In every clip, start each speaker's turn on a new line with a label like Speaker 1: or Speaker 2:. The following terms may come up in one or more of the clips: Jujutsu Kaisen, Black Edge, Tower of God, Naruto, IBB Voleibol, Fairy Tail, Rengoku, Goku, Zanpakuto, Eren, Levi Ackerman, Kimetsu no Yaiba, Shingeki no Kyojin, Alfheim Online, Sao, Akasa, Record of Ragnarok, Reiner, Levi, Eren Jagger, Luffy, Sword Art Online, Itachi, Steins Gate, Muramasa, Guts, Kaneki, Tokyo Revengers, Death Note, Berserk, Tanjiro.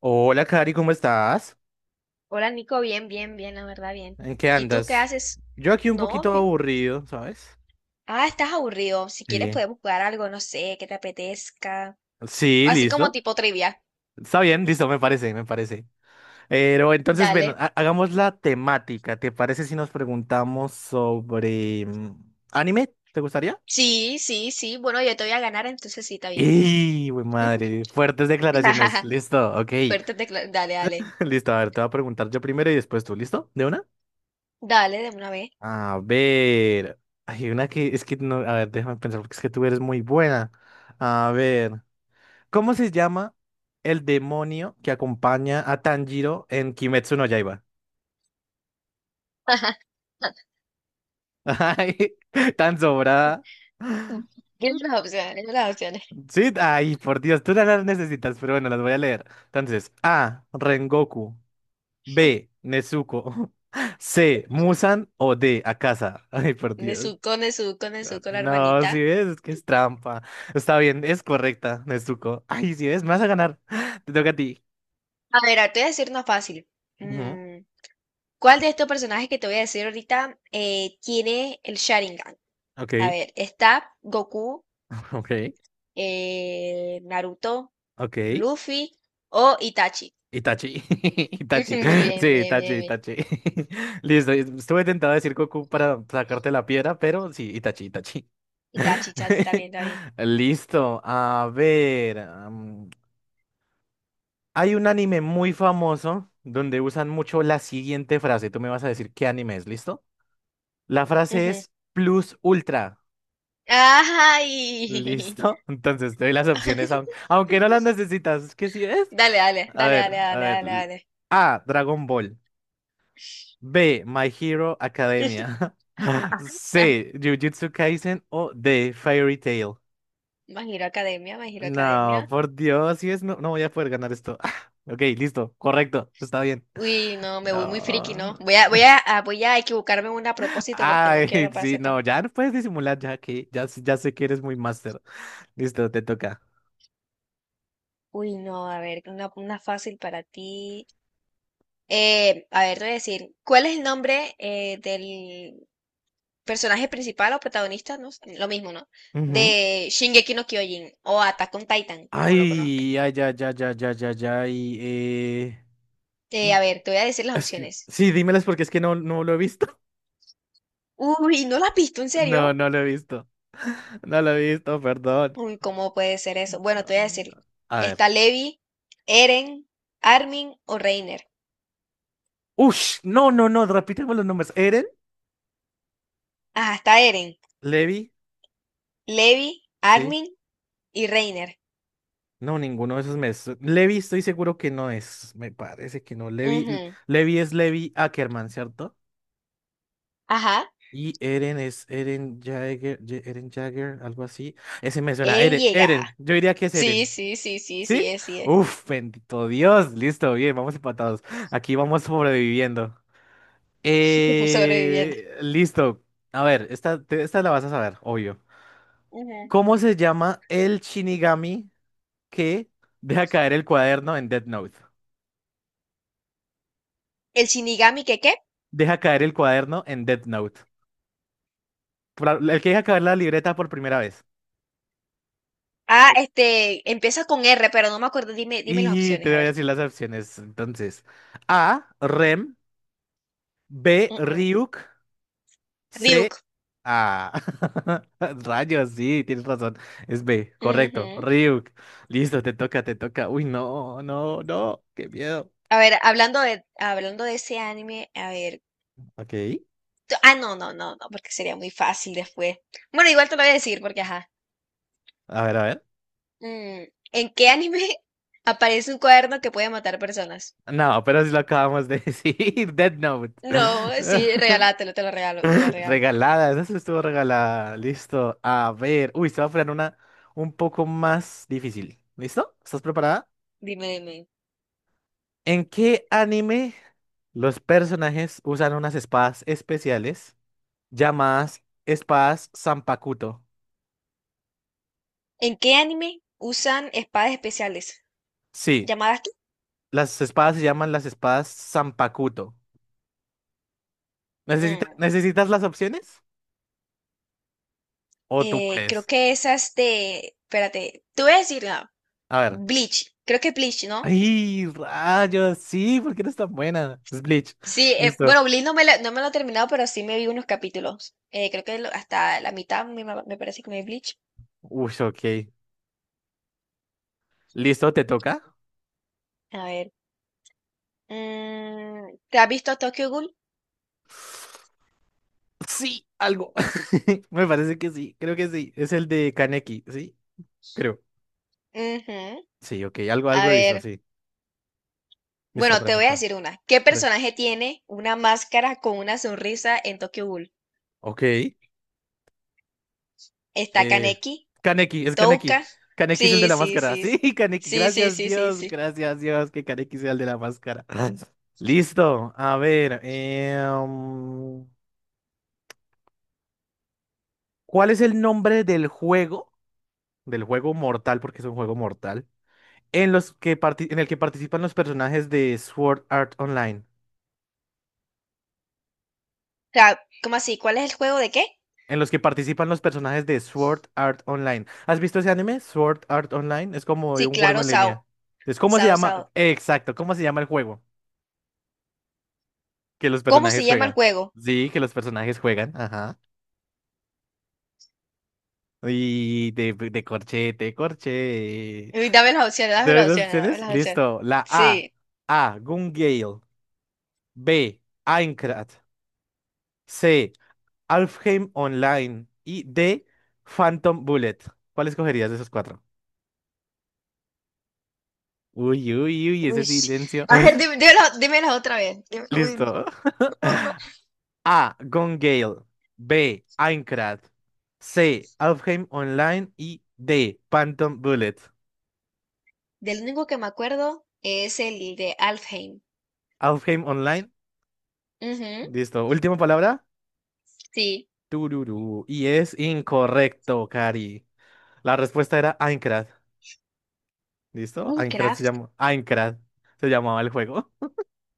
Speaker 1: Hola, Cari, ¿cómo estás?
Speaker 2: Hola Nico, bien, bien, bien, la verdad, bien.
Speaker 1: ¿En qué
Speaker 2: ¿Y tú qué
Speaker 1: andas?
Speaker 2: haces?
Speaker 1: Yo aquí un
Speaker 2: No,
Speaker 1: poquito
Speaker 2: vi-
Speaker 1: aburrido, ¿sabes?
Speaker 2: ah, estás aburrido. Si quieres
Speaker 1: Sí.
Speaker 2: podemos jugar algo, no sé, que te apetezca.
Speaker 1: Sí,
Speaker 2: Así como
Speaker 1: listo.
Speaker 2: tipo trivia.
Speaker 1: Está bien, listo, me parece, me parece. Pero entonces, ven,
Speaker 2: Dale.
Speaker 1: hagamos la temática. ¿Te parece si nos preguntamos sobre anime? ¿Te gustaría?
Speaker 2: Sí, sí, sí. Bueno, yo te voy a ganar, entonces sí, está bien.
Speaker 1: ¡Y, güey, madre! Fuertes declaraciones. Listo, ok.
Speaker 2: Dale, dale.
Speaker 1: Listo, a ver, te voy a preguntar yo primero y después tú, ¿listo? ¿De una?
Speaker 2: Dale, de una vez.
Speaker 1: A ver. Hay una que es que no. A ver, déjame pensar, porque es que tú eres muy buena. A ver. ¿Cómo se llama el demonio que acompaña a Tanjiro en Kimetsu no Yaiba? Ay, tan sobrada.
Speaker 2: Dime las opciones, dime las opciones.
Speaker 1: Sí, ay, por Dios, tú no las necesitas, pero bueno, las voy a leer. Entonces, A, Rengoku, B, Nezuko, C, Musan o D, Akasa. Ay, por Dios.
Speaker 2: Nezuko, Nezuko, Nezuko, la
Speaker 1: No,
Speaker 2: hermanita.
Speaker 1: si ves, es que es trampa. Está bien, es correcta, Nezuko. Ay, si ves, me vas a ganar. Te toca a ti.
Speaker 2: A ver, ahora te voy a decir una fácil.
Speaker 1: Ujú,
Speaker 2: Mm, ¿Cuál de estos personajes que te voy a decir ahorita tiene el Sharingan? A
Speaker 1: ok,
Speaker 2: ver, está Goku,
Speaker 1: ok,
Speaker 2: Naruto,
Speaker 1: ok.
Speaker 2: Luffy o Itachi.
Speaker 1: Itachi, Itachi,
Speaker 2: Ujú.
Speaker 1: sí,
Speaker 2: Bien, bien, bien,
Speaker 1: Itachi,
Speaker 2: bien.
Speaker 1: Itachi. Listo, estuve tentado a decir Goku para sacarte la piedra, pero sí, Itachi, Itachi.
Speaker 2: Itachi, Itachi, está bien, está bien.
Speaker 1: Listo, a ver. Hay un anime muy famoso donde usan mucho la siguiente frase. Tú me vas a decir qué anime es, ¿listo? La frase
Speaker 2: Ujú.
Speaker 1: es Plus Ultra.
Speaker 2: ¡Ay!
Speaker 1: ¿Listo? Entonces te doy las opciones, aunque no las necesitas. ¿Qué sí es?
Speaker 2: Dale, dale,
Speaker 1: A
Speaker 2: dale, dale,
Speaker 1: ver, a
Speaker 2: dale,
Speaker 1: ver.
Speaker 2: dale, dale.
Speaker 1: A, Dragon Ball. B. My Hero Academia. C. Jujutsu Kaisen o D. Fairy Tail.
Speaker 2: My Hero Academia, My Hero
Speaker 1: No,
Speaker 2: Academia.
Speaker 1: por Dios, si es, no, no voy a poder ganar esto. Ok, listo, correcto, está bien.
Speaker 2: Uy, no, me voy muy friki,
Speaker 1: No.
Speaker 2: ¿no? Voy a equivocarme en una a propósito porque no
Speaker 1: Ay,
Speaker 2: quiero
Speaker 1: sí,
Speaker 2: aparecer tan.
Speaker 1: no, ya no puedes disimular, ya que ya, ya sé que eres muy máster. Listo, te toca.
Speaker 2: Uy, no, a ver, una fácil para ti. A ver, te voy a decir, ¿cuál es el nombre del personaje principal o protagonista? No sé, lo mismo, ¿no?
Speaker 1: Ujú.
Speaker 2: De Shingeki no Kyojin o Attack on Titan, como lo conozca.
Speaker 1: Ay, ay, ya, ya, ya, ya, ya, ya, y...
Speaker 2: A ver, te voy a decir las opciones.
Speaker 1: Sí, dímelas porque es que no, no lo he visto.
Speaker 2: Uy, ¿no la has visto? ¿En
Speaker 1: No,
Speaker 2: serio?
Speaker 1: no lo he visto. No lo he visto, perdón.
Speaker 2: Uy, ¿cómo puede ser eso? Bueno, te
Speaker 1: Ah,
Speaker 2: voy a decir,
Speaker 1: a ver.
Speaker 2: está Levi, Eren, Armin o Reiner.
Speaker 1: Ush, no, no, no, repíteme los nombres. ¿Eren?
Speaker 2: Ajá, está Eren,
Speaker 1: ¿Levi?
Speaker 2: Levi,
Speaker 1: Sí.
Speaker 2: Armin y Reiner.
Speaker 1: No, ninguno de esos me... Levi estoy seguro que no es. Me parece que no. Levi,
Speaker 2: Ujú.
Speaker 1: Levi es Levi Ackerman, ¿cierto?
Speaker 2: Ajá.
Speaker 1: Y Eren es Eren Jagger, Eren Jagger, algo así. Ese me suena.
Speaker 2: Eren
Speaker 1: Eren,
Speaker 2: llega.
Speaker 1: Eren. Yo diría que es Eren.
Speaker 2: Sí, sí, sí, sí, sí, sí,
Speaker 1: ¿Sí?
Speaker 2: es, sí, es.
Speaker 1: Uf, bendito Dios. Listo, bien, vamos empatados. Aquí vamos sobreviviendo.
Speaker 2: Sobreviviendo.
Speaker 1: Listo. A ver, esta, esta la vas a saber, obvio.
Speaker 2: Ujú.
Speaker 1: ¿Cómo se llama el Shinigami que deja caer el cuaderno en Death Note?
Speaker 2: El Shinigami, ¿qué qué?
Speaker 1: Deja caer el cuaderno en Death Note. El que deja caer la libreta por primera vez.
Speaker 2: Ah, este, empieza con R, pero no me acuerdo. Dime, dime las
Speaker 1: Y te
Speaker 2: opciones, a
Speaker 1: voy a
Speaker 2: ver.
Speaker 1: decir las opciones. Entonces, A, Rem, B,
Speaker 2: Mm, mm.
Speaker 1: Ryuk, C,
Speaker 2: Ryuk.
Speaker 1: A. Rayos, sí, tienes razón. Es B,
Speaker 2: Mm.
Speaker 1: correcto.
Speaker 2: Ujú.
Speaker 1: Ryuk. Listo, te toca, te toca. Uy, no, no, no, qué miedo.
Speaker 2: A ver, hablando de ese anime, a ver.
Speaker 1: Ok.
Speaker 2: No, no, no, no, porque sería muy fácil después. Bueno, igual te lo voy a decir, porque ajá.
Speaker 1: A ver, a ver.
Speaker 2: Mm. ¿En qué anime aparece un cuaderno que puede matar personas?
Speaker 1: No, pero si lo acabamos de decir. Dead Note.
Speaker 2: No, sí, regalátelo, te lo regalo, te lo regalo.
Speaker 1: Regalada, eso estuvo regalada. Listo. A ver. Uy, se va a poner una un poco más difícil. ¿Listo? ¿Estás preparada?
Speaker 2: Dime, dime.
Speaker 1: ¿En qué anime los personajes usan unas espadas especiales llamadas espadas Zanpakuto?
Speaker 2: ¿En qué anime usan espadas especiales?
Speaker 1: Sí,
Speaker 2: ¿Llamadas qué?
Speaker 1: las espadas se llaman las espadas Zanpakuto. ¿Necesita-
Speaker 2: Mm.
Speaker 1: necesitas las opciones? ¿O tú
Speaker 2: Creo
Speaker 1: puedes?
Speaker 2: que esas de. Espérate, te voy a decir, no,
Speaker 1: A ver.
Speaker 2: Bleach. Creo que Bleach, ¿no?
Speaker 1: ¡Ay, rayos! Sí, ¿porque no es tan buena? Es Bleach.
Speaker 2: Sí,
Speaker 1: Listo.
Speaker 2: bueno, Bleach no me, la- no me lo he terminado, pero sí me vi unos capítulos. Creo que hasta la mitad me parece que me vi Bleach.
Speaker 1: Uy, ok. ¿Listo? ¿Te toca?
Speaker 2: A ver. ¿Te has visto Tokyo Ghoul?
Speaker 1: Sí, algo. Me parece que sí, creo que sí. Es el de Kaneki, ¿sí? Creo.
Speaker 2: Ujú.
Speaker 1: Sí, ok. Algo,
Speaker 2: A
Speaker 1: algo he visto,
Speaker 2: ver.
Speaker 1: sí. Listo,
Speaker 2: Bueno, te voy a
Speaker 1: pregunta.
Speaker 2: decir una. ¿Qué
Speaker 1: Pre-
Speaker 2: personaje tiene una máscara con una sonrisa en Tokyo Ghoul?
Speaker 1: ok.
Speaker 2: ¿Está
Speaker 1: Eh,
Speaker 2: Kaneki?
Speaker 1: Kaneki, es Kaneki.
Speaker 2: ¿Touka?
Speaker 1: Kaneki es el de
Speaker 2: Sí,
Speaker 1: la
Speaker 2: sí,
Speaker 1: máscara.
Speaker 2: sí,
Speaker 1: Sí,
Speaker 2: sí.
Speaker 1: Kaneki.
Speaker 2: Sí, sí,
Speaker 1: Gracias,
Speaker 2: sí, sí,
Speaker 1: Dios.
Speaker 2: sí. O
Speaker 1: Gracias, Dios, que Kaneki sea el de la máscara. Listo. A ver. ¿Cuál es el nombre del juego? Del juego mortal, porque es un juego mortal, en los que en el que participan los personajes de Sword Art Online.
Speaker 2: sea, ¿cómo así? ¿Cuál es el juego de qué?
Speaker 1: En los que participan los personajes de Sword Art Online. ¿Has visto ese anime? Sword Art Online. Es como
Speaker 2: Sí,
Speaker 1: de un juego
Speaker 2: claro,
Speaker 1: en línea.
Speaker 2: Sao.
Speaker 1: Es ¿cómo se
Speaker 2: Sao,
Speaker 1: llama?
Speaker 2: Sao.
Speaker 1: Exacto, ¿cómo se llama el juego? Que los
Speaker 2: ¿Cómo se
Speaker 1: personajes
Speaker 2: llama el
Speaker 1: juegan.
Speaker 2: juego?
Speaker 1: Sí, que los personajes juegan. Ajá. Y de corchete, corche.
Speaker 2: Uy, dame las opciones, dame
Speaker 1: ¿De
Speaker 2: las
Speaker 1: esas
Speaker 2: opciones, dame
Speaker 1: opciones?
Speaker 2: las opciones.
Speaker 1: Listo. La A.
Speaker 2: Sí.
Speaker 1: A. Gun Gale. B. Aincrad. C. Alfheim Online y de Phantom Bullet. ¿Cuál escogerías de esos cuatro? Uy, uy, uy, ese
Speaker 2: Uy.
Speaker 1: silencio.
Speaker 2: A ver, dime, dímela otra vez. Uy,
Speaker 1: Listo.
Speaker 2: no, no, no.
Speaker 1: A. Gone Gale. B. Aincrad. C. Alfheim Online y D. Phantom Bullet.
Speaker 2: Del único que me acuerdo es el de Alfheim.
Speaker 1: Alfheim Online.
Speaker 2: Ujú,
Speaker 1: Listo. Última palabra.
Speaker 2: sí.
Speaker 1: Tururú. Y es incorrecto, Cari. La respuesta era Aincrad. ¿Listo? Aincrad se
Speaker 2: Minecraft.
Speaker 1: llama. Aincrad se llamaba el juego.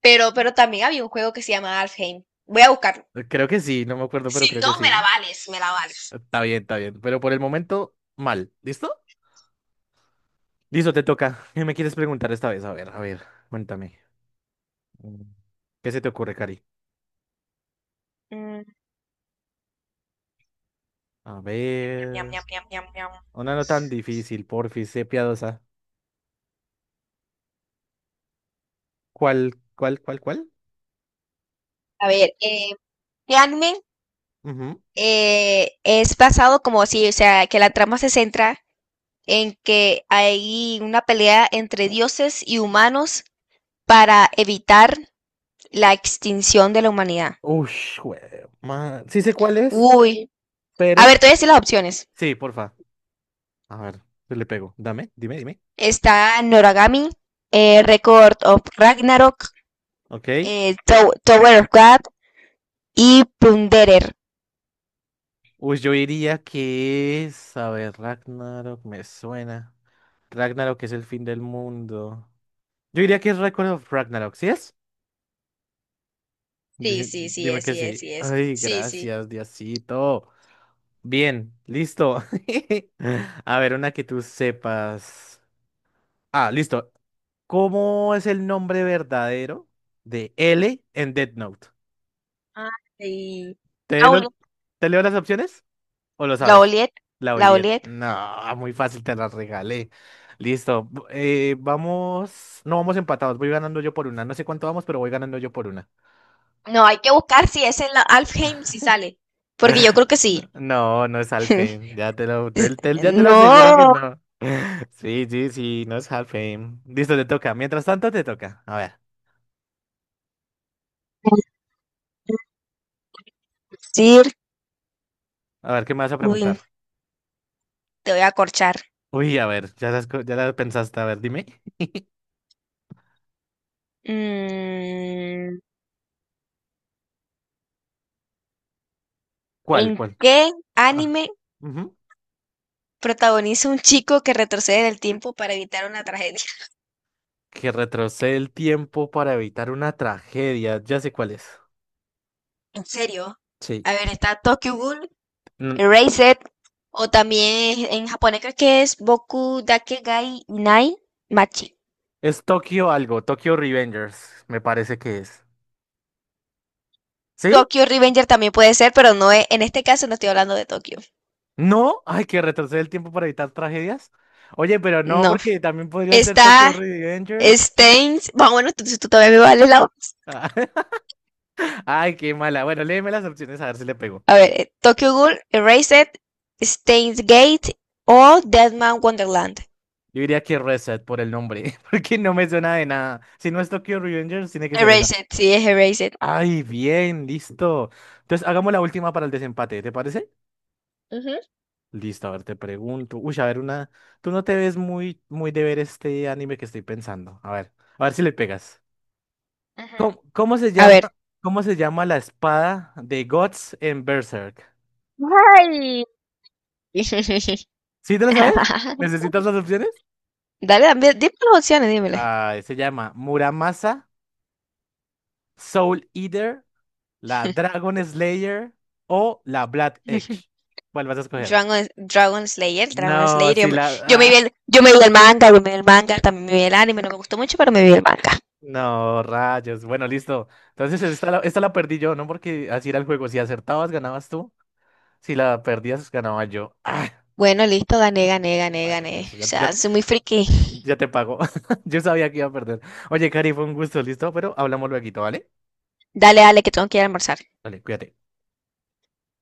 Speaker 2: Pero también había un juego que se llama Alfheim. Voy a buscarlo.
Speaker 1: Creo que sí, no me acuerdo, pero
Speaker 2: Si
Speaker 1: creo que
Speaker 2: no, me la
Speaker 1: sí.
Speaker 2: vales, me la vales.
Speaker 1: Está bien, está bien. Pero por el momento, mal. ¿Listo? Listo, te toca. ¿Qué me quieres preguntar esta vez? A ver, cuéntame. Mm, ¿Qué se te ocurre, Cari?
Speaker 2: Mm,
Speaker 1: A
Speaker 2: ñam, ñam,
Speaker 1: ver.
Speaker 2: ñam, ñam, ñam, ñam.
Speaker 1: Una no tan difícil, porfis, sé piadosa. ¿Cuál, cuál, cuál, cuál?
Speaker 2: A ver, ¿qué anime
Speaker 1: Ujú.
Speaker 2: es basado como así? O sea, que la trama se centra en que hay una pelea entre dioses y humanos para evitar la extinción de la humanidad.
Speaker 1: Ush, man. Sí sé cuál es,
Speaker 2: Uy. A ver,
Speaker 1: pero.
Speaker 2: te voy a decir las opciones.
Speaker 1: Sí, porfa. A ver, yo le pego. Dame, dime, dime.
Speaker 2: Está Noragami, Record of Ragnarok,
Speaker 1: Ok.
Speaker 2: Tower of God y Plunderer.
Speaker 1: Uy, yo diría que es. A ver, Ragnarok me suena. Ragnarok es el fin del mundo. Yo diría que es Record of Ragnarok, ¿sí es?
Speaker 2: Sí, sí, sí
Speaker 1: Dime
Speaker 2: es,
Speaker 1: que
Speaker 2: sí es,
Speaker 1: sí.
Speaker 2: sí es.
Speaker 1: Ay,
Speaker 2: Sí, sí.
Speaker 1: gracias, Diosito. Bien, listo. A ver, una que tú sepas. Ah, listo. ¿Cómo es el nombre verdadero de L en Death Note?
Speaker 2: Ay.
Speaker 1: ¿Te,
Speaker 2: La
Speaker 1: lo-
Speaker 2: Oliet.
Speaker 1: te leo las opciones o lo
Speaker 2: La
Speaker 1: sabes?
Speaker 2: Oliet.
Speaker 1: La
Speaker 2: La
Speaker 1: Oliet.
Speaker 2: Oliet.
Speaker 1: No, muy fácil, te la regalé. Listo. Vamos. No vamos empatados. Voy ganando yo por una. No sé cuánto vamos, pero voy ganando yo por una.
Speaker 2: No, hay que buscar si es en la Alfheim, si sale. Porque yo creo que sí.
Speaker 1: No, no es Halfheim. Ya te lo, ya te lo aseguro que
Speaker 2: No.
Speaker 1: no. Sí, sí, sí, no es Halfheim. Listo, te toca. Mientras tanto, te toca.
Speaker 2: Sir
Speaker 1: A ver, ¿qué me vas a
Speaker 2: Win,
Speaker 1: preguntar?
Speaker 2: te voy a corchar.
Speaker 1: Uy, a ver, ya las ya la pensaste. A ver, dime.
Speaker 2: Mm,
Speaker 1: ¿Cuál,
Speaker 2: ¿En
Speaker 1: cuál?
Speaker 2: qué
Speaker 1: Ah,
Speaker 2: anime
Speaker 1: ujú.
Speaker 2: protagoniza un chico que retrocede en el tiempo para evitar una tragedia?
Speaker 1: Que retrocede el tiempo para evitar una tragedia. Ya sé cuál es.
Speaker 2: En serio.
Speaker 1: Sí.
Speaker 2: A ver, está Tokyo Ghoul,
Speaker 1: Mm,
Speaker 2: Erased, o también en japonés creo que es Boku Dakegai Nai Machi.
Speaker 1: Es Tokio algo, Tokio Revengers, me parece que es. ¿Sí?
Speaker 2: Tokyo Revenger también puede ser, pero no es, en este caso no estoy hablando de Tokio.
Speaker 1: ¿No? Ay, que retrocede el tiempo para evitar tragedias. Oye, pero no,
Speaker 2: No.
Speaker 1: porque también podría ser Tokyo
Speaker 2: Está
Speaker 1: Revengers.
Speaker 2: Stains. Bueno, bueno, tú todavía me vale la.
Speaker 1: Ah, Ay, qué mala. Bueno, léeme las opciones a ver si le pego.
Speaker 2: A ver, Tokyo Ghoul, Erased, Steins Gate o Deadman Wonderland.
Speaker 1: Yo diría que Reset por el nombre, porque no me suena de nada. Si no es Tokyo Revengers, tiene que ser esa.
Speaker 2: Erased, sí, es Erased.
Speaker 1: Ay, bien, listo. Entonces, hagamos la última para el desempate, ¿te parece?
Speaker 2: Ujú.
Speaker 1: Listo, a ver, te pregunto. Uy, a ver, una. Tú no te ves muy, muy de ver este anime que estoy pensando. A ver si le pegas.
Speaker 2: Ajá.
Speaker 1: ¿Cómo,
Speaker 2: A ver.
Speaker 1: cómo se llama la espada de Guts en Berserk?
Speaker 2: Ay.
Speaker 1: ¿Sí te lo sabes? ¿Necesitas las opciones?
Speaker 2: Dale, dime las opciones, dímele.
Speaker 1: Ah, se llama Muramasa, Soul Eater, la Dragon Slayer o la Black Edge. ¿Cuál vas a escoger?
Speaker 2: Dragon, Dragon Slayer, Dragon
Speaker 1: No,
Speaker 2: Slayer.
Speaker 1: sí la...
Speaker 2: Yo me
Speaker 1: ah,
Speaker 2: vi el yo me vi el manga, también me vi el anime, no me gustó mucho, pero me vi el manga.
Speaker 1: no, rayos. Bueno, listo. Entonces esta la perdí yo, ¿no? Porque así era el juego. Si acertabas, ganabas tú. Si la perdías, ganaba yo. Ah,
Speaker 2: Bueno, listo, gané, gané, gané,
Speaker 1: rayos,
Speaker 2: gané.
Speaker 1: listo.
Speaker 2: O
Speaker 1: Ya,
Speaker 2: sea,
Speaker 1: ya-
Speaker 2: soy muy friki.
Speaker 1: Ya te pago. Yo sabía que iba a perder. Oye, Cari, fue un gusto, listo, pero hablamos luego, ¿vale?
Speaker 2: Dale, dale, que tengo que ir a almorzar.
Speaker 1: Vale, cuídate.